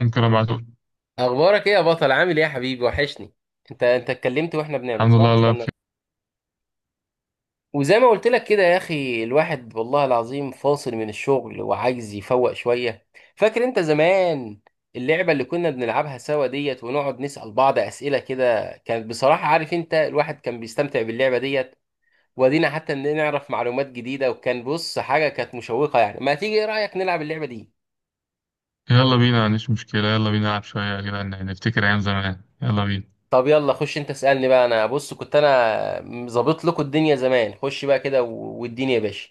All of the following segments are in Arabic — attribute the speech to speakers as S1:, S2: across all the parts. S1: ممكن ابعته.
S2: اخبارك ايه يا بطل؟ عامل ايه يا حبيبي، وحشني. انت اتكلمت واحنا بنعمل؟
S1: الحمد
S2: صح،
S1: لله الله
S2: استنى.
S1: بخير.
S2: وزي ما قلت لك كده يا اخي، الواحد والله العظيم فاصل من الشغل وعايز يفوق شويه. فاكر انت زمان اللعبه اللي كنا بنلعبها سوا ديت؟ ونقعد نسأل بعض اسئله كده، كانت بصراحه عارف انت الواحد كان بيستمتع باللعبه ديت. ودينا حتى ان نعرف معلومات جديده، وكان بص حاجه كانت مشوقه، يعني ما تيجي ايه رايك نلعب اللعبه دي؟
S1: يلا بينا، مفيش مشكلة، يلا بينا نلعب شوية يا جدعان، يعني نفتكر أيام زمان، يلا بينا.
S2: طب يلا خش، انت اسألني بقى. انا بص كنت انا ظابط لكم الدنيا زمان، خش بقى كده والدنيا يا باشا.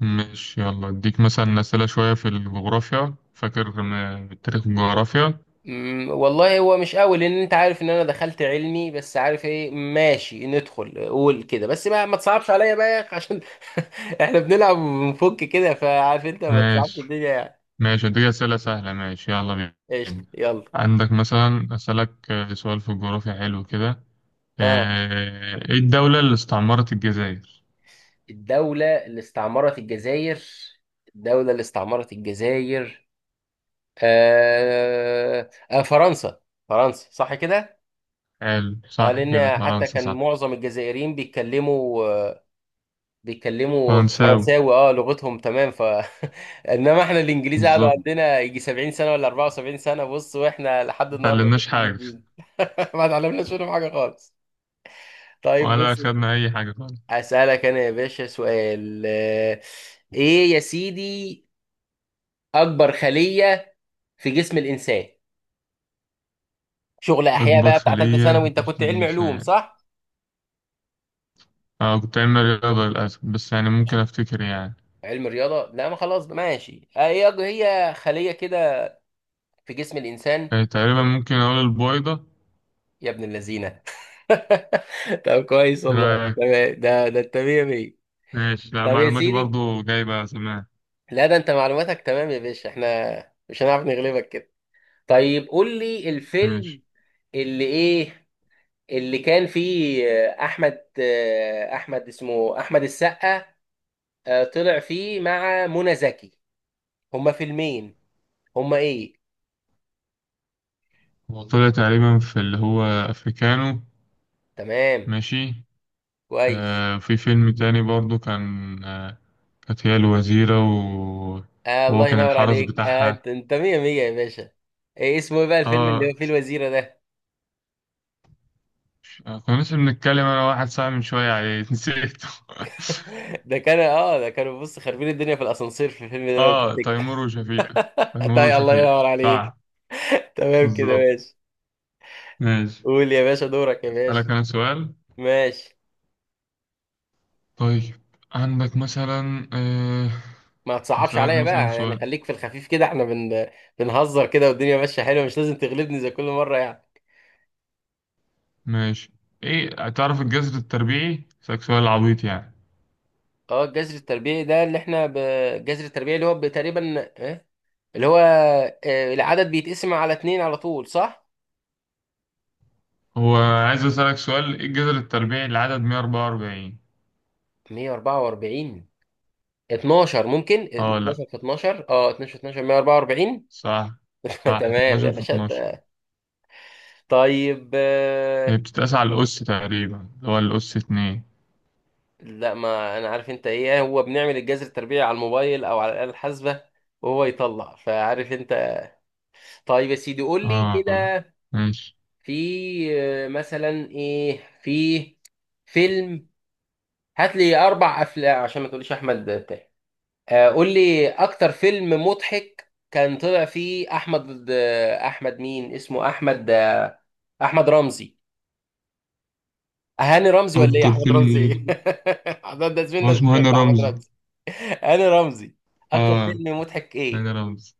S1: ماشي، يلا اديك مثلا أسئلة شوية في الجغرافيا، فاكر من التاريخ والجغرافيا.
S2: والله هو مش قوي، لان انت عارف ان انا دخلت علمي. بس عارف ايه، ماشي ندخل، قول كده بس بقى، ما تصعبش عليا بقى يا اخي عشان احنا بنلعب وبنفك كده، فعارف انت ما تصعبش
S1: ماشي،
S2: الدنيا يعني.
S1: ماشي اديك أسئلة سهلة، ماشي يلا بينا.
S2: قشطة، يلا.
S1: عندك مثلا أسألك سؤال في الجغرافيا حلو كده.
S2: اه،
S1: ايه الدولة اللي استعمرت الجزائر؟
S2: الدولة اللي استعمرت الجزائر. الدولة اللي استعمرت الجزائر. فرنسا. فرنسا، صح كده.
S1: حلو،
S2: اه
S1: صح كده،
S2: لان حتى
S1: فرنسا
S2: كان
S1: صح.
S2: معظم الجزائريين بيتكلموا
S1: فرنساوي.
S2: فرنساوي، اه لغتهم، تمام. انما احنا الانجليز قعدوا
S1: بالظبط.
S2: عندنا يجي 70 سنه ولا 74 سنه، بص، واحنا لحد النهارده
S1: متعلمناش
S2: بنحكي
S1: حاجة،
S2: بالإنجليزي. ما اتعلمناش منهم حاجه خالص. طيب
S1: ولا
S2: بص،
S1: أخدنا أي حاجة.
S2: اسالك انا يا باشا سؤال. ايه يا سيدي؟ اكبر خليه في جسم الانسان. شغل احياء
S1: أكبر
S2: بقى بتاع ثالثه
S1: خلية
S2: ثانوي.
S1: في
S2: انت كنت
S1: جسم
S2: علمي علوم
S1: الإنسان؟
S2: صح؟
S1: أنا كنت علمي رياضة للأسف، بس يعني ممكن أفتكر يعني.
S2: علم رياضه؟ لا، ما خلاص ماشي. هي خليه كده في جسم الإنسان.
S1: تقريبا ممكن أقول البويضة.
S2: يا ابن اللذينة! طب كويس
S1: إيه
S2: والله،
S1: رأيك؟
S2: تمام. ده انت مية مية.
S1: ماشي، لا
S2: طب يا
S1: معلوماتي
S2: سيدي،
S1: برضو جايبة سماع.
S2: لا ده انت معلوماتك تمام يا باشا، احنا مش هنعرف نغلبك كده. طيب قول لي الفيلم
S1: ماشي.
S2: اللي ايه، اللي كان فيه احمد اسمه احمد السقا. طلع فيه مع منى زكي. هما فيلمين. هما ايه؟
S1: هو طلع تقريبا في اللي هو أفريكانو.
S2: تمام،
S1: ماشي.
S2: كويس.
S1: آه، في فيلم تاني برضو كان آه، كانت هي الوزيرة، وهو
S2: الله
S1: كان
S2: ينور
S1: الحرس
S2: عليك.
S1: بتاعها.
S2: انت مية مية يا باشا. ايه اسمه، ايه بقى الفيلم اللي
S1: اه.
S2: هو فيه الوزيرة ده؟
S1: كنا لسه بنتكلم أنا واحد صاحبي من شوية عليه نسيته.
S2: ده كانوا بص خاربين الدنيا في الاسانسير في الفيلم ده لو
S1: اه،
S2: تفتكر.
S1: تيمور وشفيق. تيمور
S2: طيب، الله
S1: وشفيق
S2: ينور عليك.
S1: صح.
S2: تمام كده،
S1: بالظبط.
S2: ماشي.
S1: ماشي.
S2: قول يا باشا دورك يا باشا.
S1: اسألك انا سؤال.
S2: ماشي.
S1: طيب، عندك مثلا
S2: ما تصعبش
S1: اسألك
S2: عليا
S1: مثلا
S2: بقى، يعني
S1: سؤال.
S2: خليك في الخفيف كده. احنا بنهزر كده، والدنيا ماشية حلوة، مش لازم تغلبني زي كل مرة يعني.
S1: ماشي. ايه، تعرف الجذر التربيعي؟ اسألك سؤال عبيط يعني.
S2: اه، الجذر التربيعي ده اللي احنا الجذر التربيعي اللي هو تقريبا إيه؟ اللي هو العدد بيتقسم على اتنين على طول صح؟
S1: هو عايز اسألك سؤال، ايه الجذر التربيعي لعدد 144؟
S2: 144. 12، ممكن
S1: اه، لا،
S2: 12 في 12. اه، 12 في 12، 144.
S1: صح، صح،
S2: تمام يا
S1: 12 في
S2: باشا
S1: 12.
S2: انت. طيب
S1: هي بتتقاس على الأس تقريبا، اللي هو الأس اتنين.
S2: لا، ما انا عارف انت ايه، هو بنعمل الجذر التربيعي على الموبايل او على الآلة الحاسبة وهو يطلع، فعارف انت. طيب يا سيدي قول لي
S1: اه.
S2: كده.
S1: ماشي.
S2: في مثلا ايه، في فيلم، هات لي اربع افلام عشان ما تقوليش احمد بتاع. قول لي اكتر فيلم مضحك كان طلع فيه احمد مين اسمه احمد، احمد رمزي. هاني رمزي ولا ايه،
S1: أكتر
S2: احمد رمزي ايه؟
S1: فيلم.
S2: ده
S1: هو
S2: زميلنا في
S1: اسمه هاني
S2: الشغل احمد
S1: رمزي.
S2: رمزي. هاني رمزي. اكتر
S1: اه،
S2: فيلم مضحك
S1: هاني
S2: ايه؟
S1: رمزي.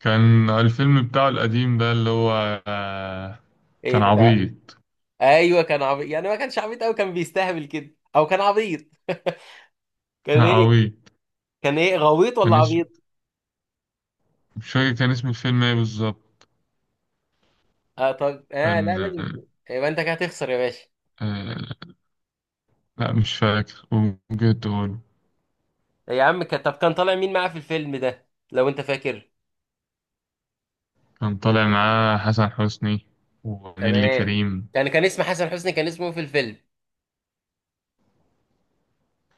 S1: كان الفيلم بتاعه القديم ده اللي هو، آه،
S2: ايه
S1: كان
S2: ده، تعال.
S1: عبيط.
S2: ايوه كان عبيط، يعني ما كانش عبيط قوي، كان بيستهبل كده، او كان عبيط. كان ايه؟
S1: عبيط.
S2: كان ايه، غويط
S1: كان
S2: ولا
S1: اسم،
S2: عبيط؟
S1: مش فاكر كان اسم الفيلم ايه بالظبط.
S2: اه طب، لا
S1: كان
S2: لازم يكون. يبقى انت كده هتخسر يا باشا.
S1: آه، لا مش فاكر، ممكن تقول.
S2: يا عم طب كان طالع مين معاه في الفيلم ده لو انت فاكر؟
S1: كان طالع معاه حسن حسني ونيلي
S2: تمام.
S1: كريم.
S2: كان اسم حسن حسني، كان اسمه في الفيلم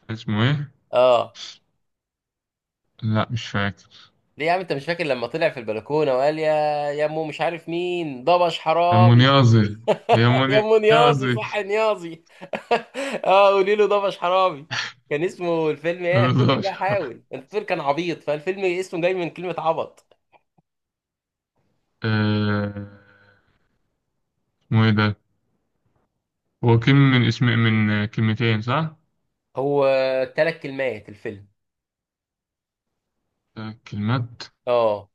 S1: اسمه ايه؟
S2: اه؟
S1: لا مش فاكر.
S2: ليه يا عم انت مش فاكر لما طلع في البلكونه وقال يا امه مش عارف مين ضبش
S1: يا
S2: حرامي.
S1: منيازي، يا
S2: يا امه نيازي،
S1: منيازي.
S2: صح، نيازي. اه، قولي له ضبش حرامي. كان اسمه الفيلم ايه؟ افتكر
S1: مش
S2: بقى،
S1: عارف.
S2: حاول، انت بتقول كان عبيط، فالفيلم اسمه جاي من كلمه عبط.
S1: آه، اسمه ايه ده؟ هو كلمة من اسم من كلمتين صح؟
S2: هو ثلاث كلمات الفيلم.
S1: كلمات.
S2: اه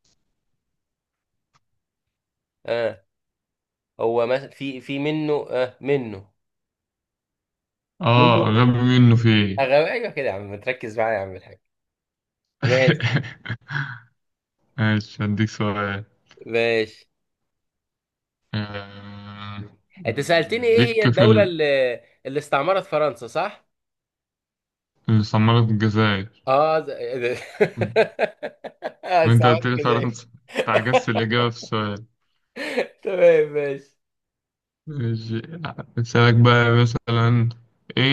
S2: اه هو في منه، منه.
S1: اه،
S2: منه
S1: غبي منه في ايه.
S2: أغاوي. ايوه كده يا عم، تركز معايا يا عم الحاج. ماشي.
S1: ماشي، هديك سؤال.
S2: ماشي،
S1: آه،
S2: انت سألتني ايه هي
S1: ليك في
S2: الدولة اللي استعمرت فرنسا صح؟
S1: اللي صممت الجزائر،
S2: اه ز-
S1: وانت
S2: استعمرت
S1: قلت لي
S2: الجزائر.
S1: فرنسا. انت عجزت الإجابة في السؤال.
S2: تمام ماشي.
S1: ماشي. أسألك بقى مثلا، ايه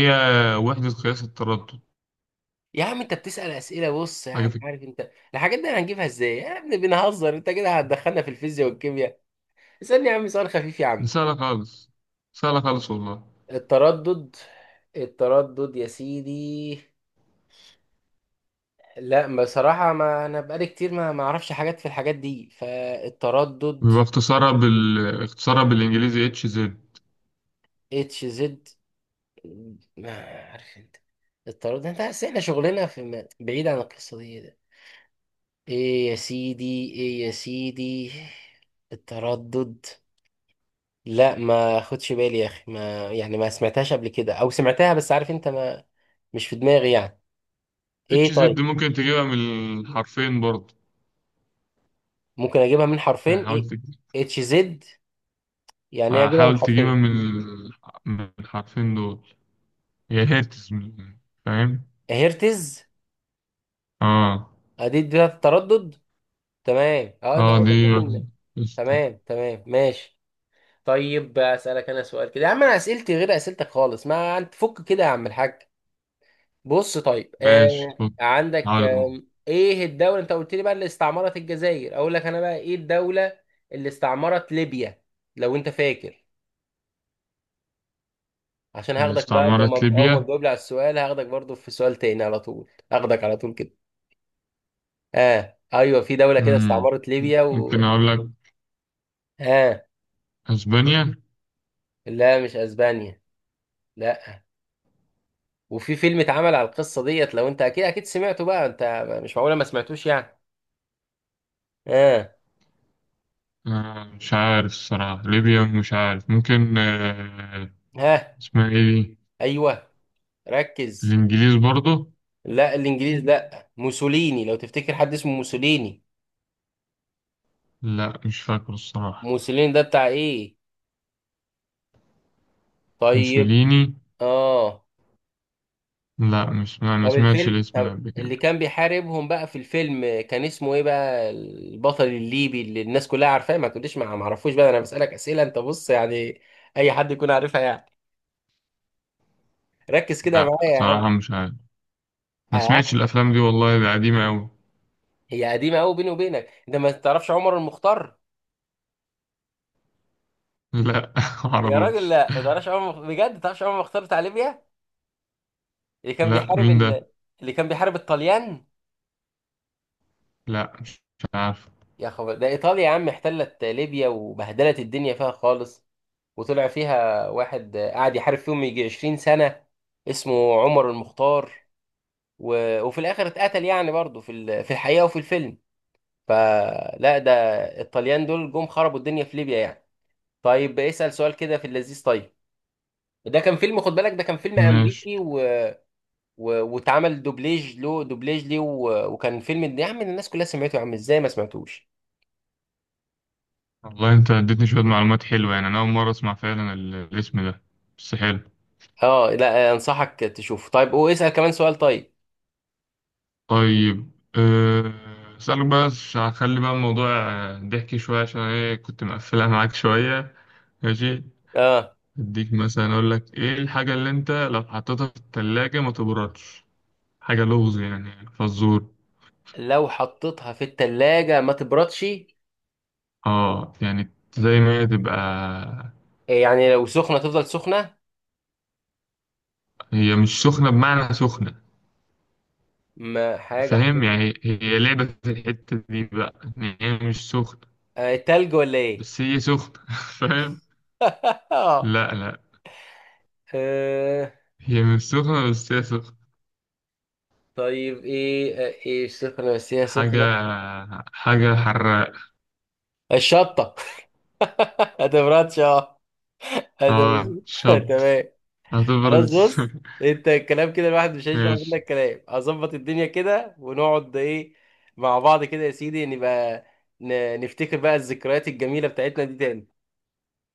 S1: هي وحدة قياس التردد؟
S2: يا عم انت بتسأل اسئلة، بص
S1: حاجة
S2: يعني
S1: في،
S2: عارف انت الحاجات دي هنجيبها ازاي؟ يا ابني بنهزر، انت كده هتدخلنا في الفيزياء والكيمياء. اسألني يا عم سؤال خفيف يا
S1: دي
S2: عم.
S1: سهلة خالص، سهلة خالص والله.
S2: التردد التردد يا سيدي، لا بصراحة ما انا بقالي كتير ما اعرفش حاجات في الحاجات دي. فالتردد
S1: بيبقى اختصارها اختصارها بالإنجليزي اتش زد.
S2: اتش زد. ما عارف انت، الطرد ده، انت عارف احنا شغلنا في بعيد عن القصة دي ده. ايه يا سيدي، ايه يا سيدي؟ التردد، لا ما خدش بالي يا اخي ما، يعني ما سمعتهاش قبل كده او سمعتها، بس عارف انت ما، مش في دماغي يعني.
S1: اتش
S2: ايه
S1: زد
S2: طيب؟
S1: ممكن تجيبها من الحرفين برضه.
S2: ممكن اجيبها من حرفين
S1: يعني
S2: ايه؟
S1: حاولت.
S2: اتش زد. يعني ايه اجيبها من
S1: حاول تجيبها
S2: حرفين؟
S1: من من الحرفين دول. هي هرتز فاهم.
S2: هرتز.
S1: اه.
S2: ادي ده التردد. تمام اه، انت
S1: اه
S2: عايز
S1: دي
S2: اجيب من،
S1: واحدة. قشطة.
S2: تمام تمام ماشي. طيب اسالك انا سؤال كده يا عم. انا اسئلتي غير اسئلتك خالص، ما انت فك كده يا عم الحاج. بص طيب،
S1: ماشي، فك،
S2: عندك
S1: حاول أفك.
S2: ايه الدوله انت قلت لي بقى اللي استعمرت الجزائر؟ اقول لك انا بقى ايه الدوله اللي استعمرت ليبيا لو انت فاكر؟ عشان هاخدك بقى، لو ما
S1: استعمرت
S2: اول ما
S1: ليبيا.
S2: تجاوب لي على السؤال هاخدك برضو في سؤال تاني على طول، هاخدك على طول كده. اه ايوه، في دوله كده
S1: مم،
S2: استعمرت ليبيا و،
S1: ممكن أقول لك
S2: اه
S1: أسبانيا.
S2: لا مش اسبانيا، لا. وفي فيلم اتعمل على القصة ديت، لو انت اكيد اكيد سمعته بقى انت، مش معقولة ما سمعتوش يعني. اه.
S1: آه مش عارف الصراحة، ليبيا مش عارف، ممكن آه.
S2: ها،
S1: اسمها إيه دي؟
S2: ايوه، ركز.
S1: الإنجليز برضو.
S2: لا، الانجليز؟ لا، موسوليني، لو تفتكر حد اسمه موسوليني.
S1: لا مش فاكر الصراحة.
S2: موسوليني ده بتاع ايه؟ طيب.
S1: موسوليني.
S2: اه
S1: لا، مش ما ما
S2: طب
S1: سمعتش
S2: الفيلم،
S1: الاسم ده
S2: طب
S1: قبل كده.
S2: اللي كان بيحاربهم بقى في الفيلم كان اسمه ايه بقى، البطل الليبي اللي الناس كلها عارفاه؟ ما تقوليش ما اعرفوش بقى، انا بسألك اسئلة انت، بص يعني اي حد يكون عارفها يعني. ركز كده
S1: لا
S2: معايا يا
S1: صراحة مش عارف. ما
S2: عم.
S1: سمعتش الافلام دي والله، ده قديمه قوي.
S2: هي قديمه قوي، بيني وبينك انت ما تعرفش عمر المختار؟
S1: لا
S2: يا راجل،
S1: معرفوش.
S2: لا ما تعرفش عمر المخ- بجد ما تعرفش عمر المختار بتاع ليبيا، اللي كان
S1: لا
S2: بيحارب
S1: مين ده؟
S2: اللي كان بيحارب الطليان؟
S1: لا مش عارف.
S2: يا خبر، ده ايطاليا يا عم احتلت ليبيا وبهدلت الدنيا فيها خالص، وطلع فيها واحد قعد يحارب فيهم يجي 20 سنه اسمه عمر المختار، وفي الاخر اتقتل، يعني برضه في في الحقيقه وفي الفيلم. فلا، ده الطليان دول جم خربوا الدنيا في ليبيا يعني. طيب اسأل سؤال كده في اللذيذ طيب. ده كان فيلم، خد بالك، ده كان فيلم
S1: ماشي.
S2: امريكي و... واتعمل دوبليج له، دوبليج ليه، وكان فيلم يا عم الناس كلها سمعته، يا عم ازاي ما سمعتوش؟
S1: والله انت اديتني شويه معلومات حلوه يعني، انا اول مره اسمع فعلا الاسم ده، بس حلو.
S2: اه، لا انصحك تشوفه. طيب، واسأل كمان سؤال. طيب
S1: طيب اسالك بقى هخلي بقى الموضوع ضحكي شويه، عشان ايه كنت مقفلها معاك شويه. ماشي،
S2: اه،
S1: اديك مثلا اقول لك ايه الحاجه اللي انت لو حطيتها في الثلاجه ما تبردش، حاجه لغز يعني فزور.
S2: لو حطيتها في التلاجة ما تبردش؟
S1: اه يعني زي ما هي تبقى.
S2: يعني لو سخنة تفضل سخنة؟
S1: هي مش سخنة بمعنى سخنة،
S2: ما حاجة
S1: فاهم؟
S2: حطيتها.
S1: يعني هي لعبة في الحتة دي بقى، يعني هي مش سخنة
S2: تلج ولا ايه؟
S1: بس هي سخنة. فاهم؟
S2: آه
S1: لا لا، هي مش سخنة بس هي سخنة.
S2: طيب ايه ايه، سخنة بس هي
S1: حاجة،
S2: سخنة؟
S1: حاجة حراق.
S2: الشطة! ما تبردش اه.
S1: اه
S2: هذا-
S1: شط.
S2: تمام. خلاص
S1: هتبرد.
S2: بص، انت الكلام كده الواحد مش هيشبع
S1: ماشي.
S2: منك كلام. هظبط الدنيا كده، ونقعد ايه مع بعض كده يا سيدي، نبقى نفتكر بقى الذكريات الجميلة بتاعتنا دي تاني.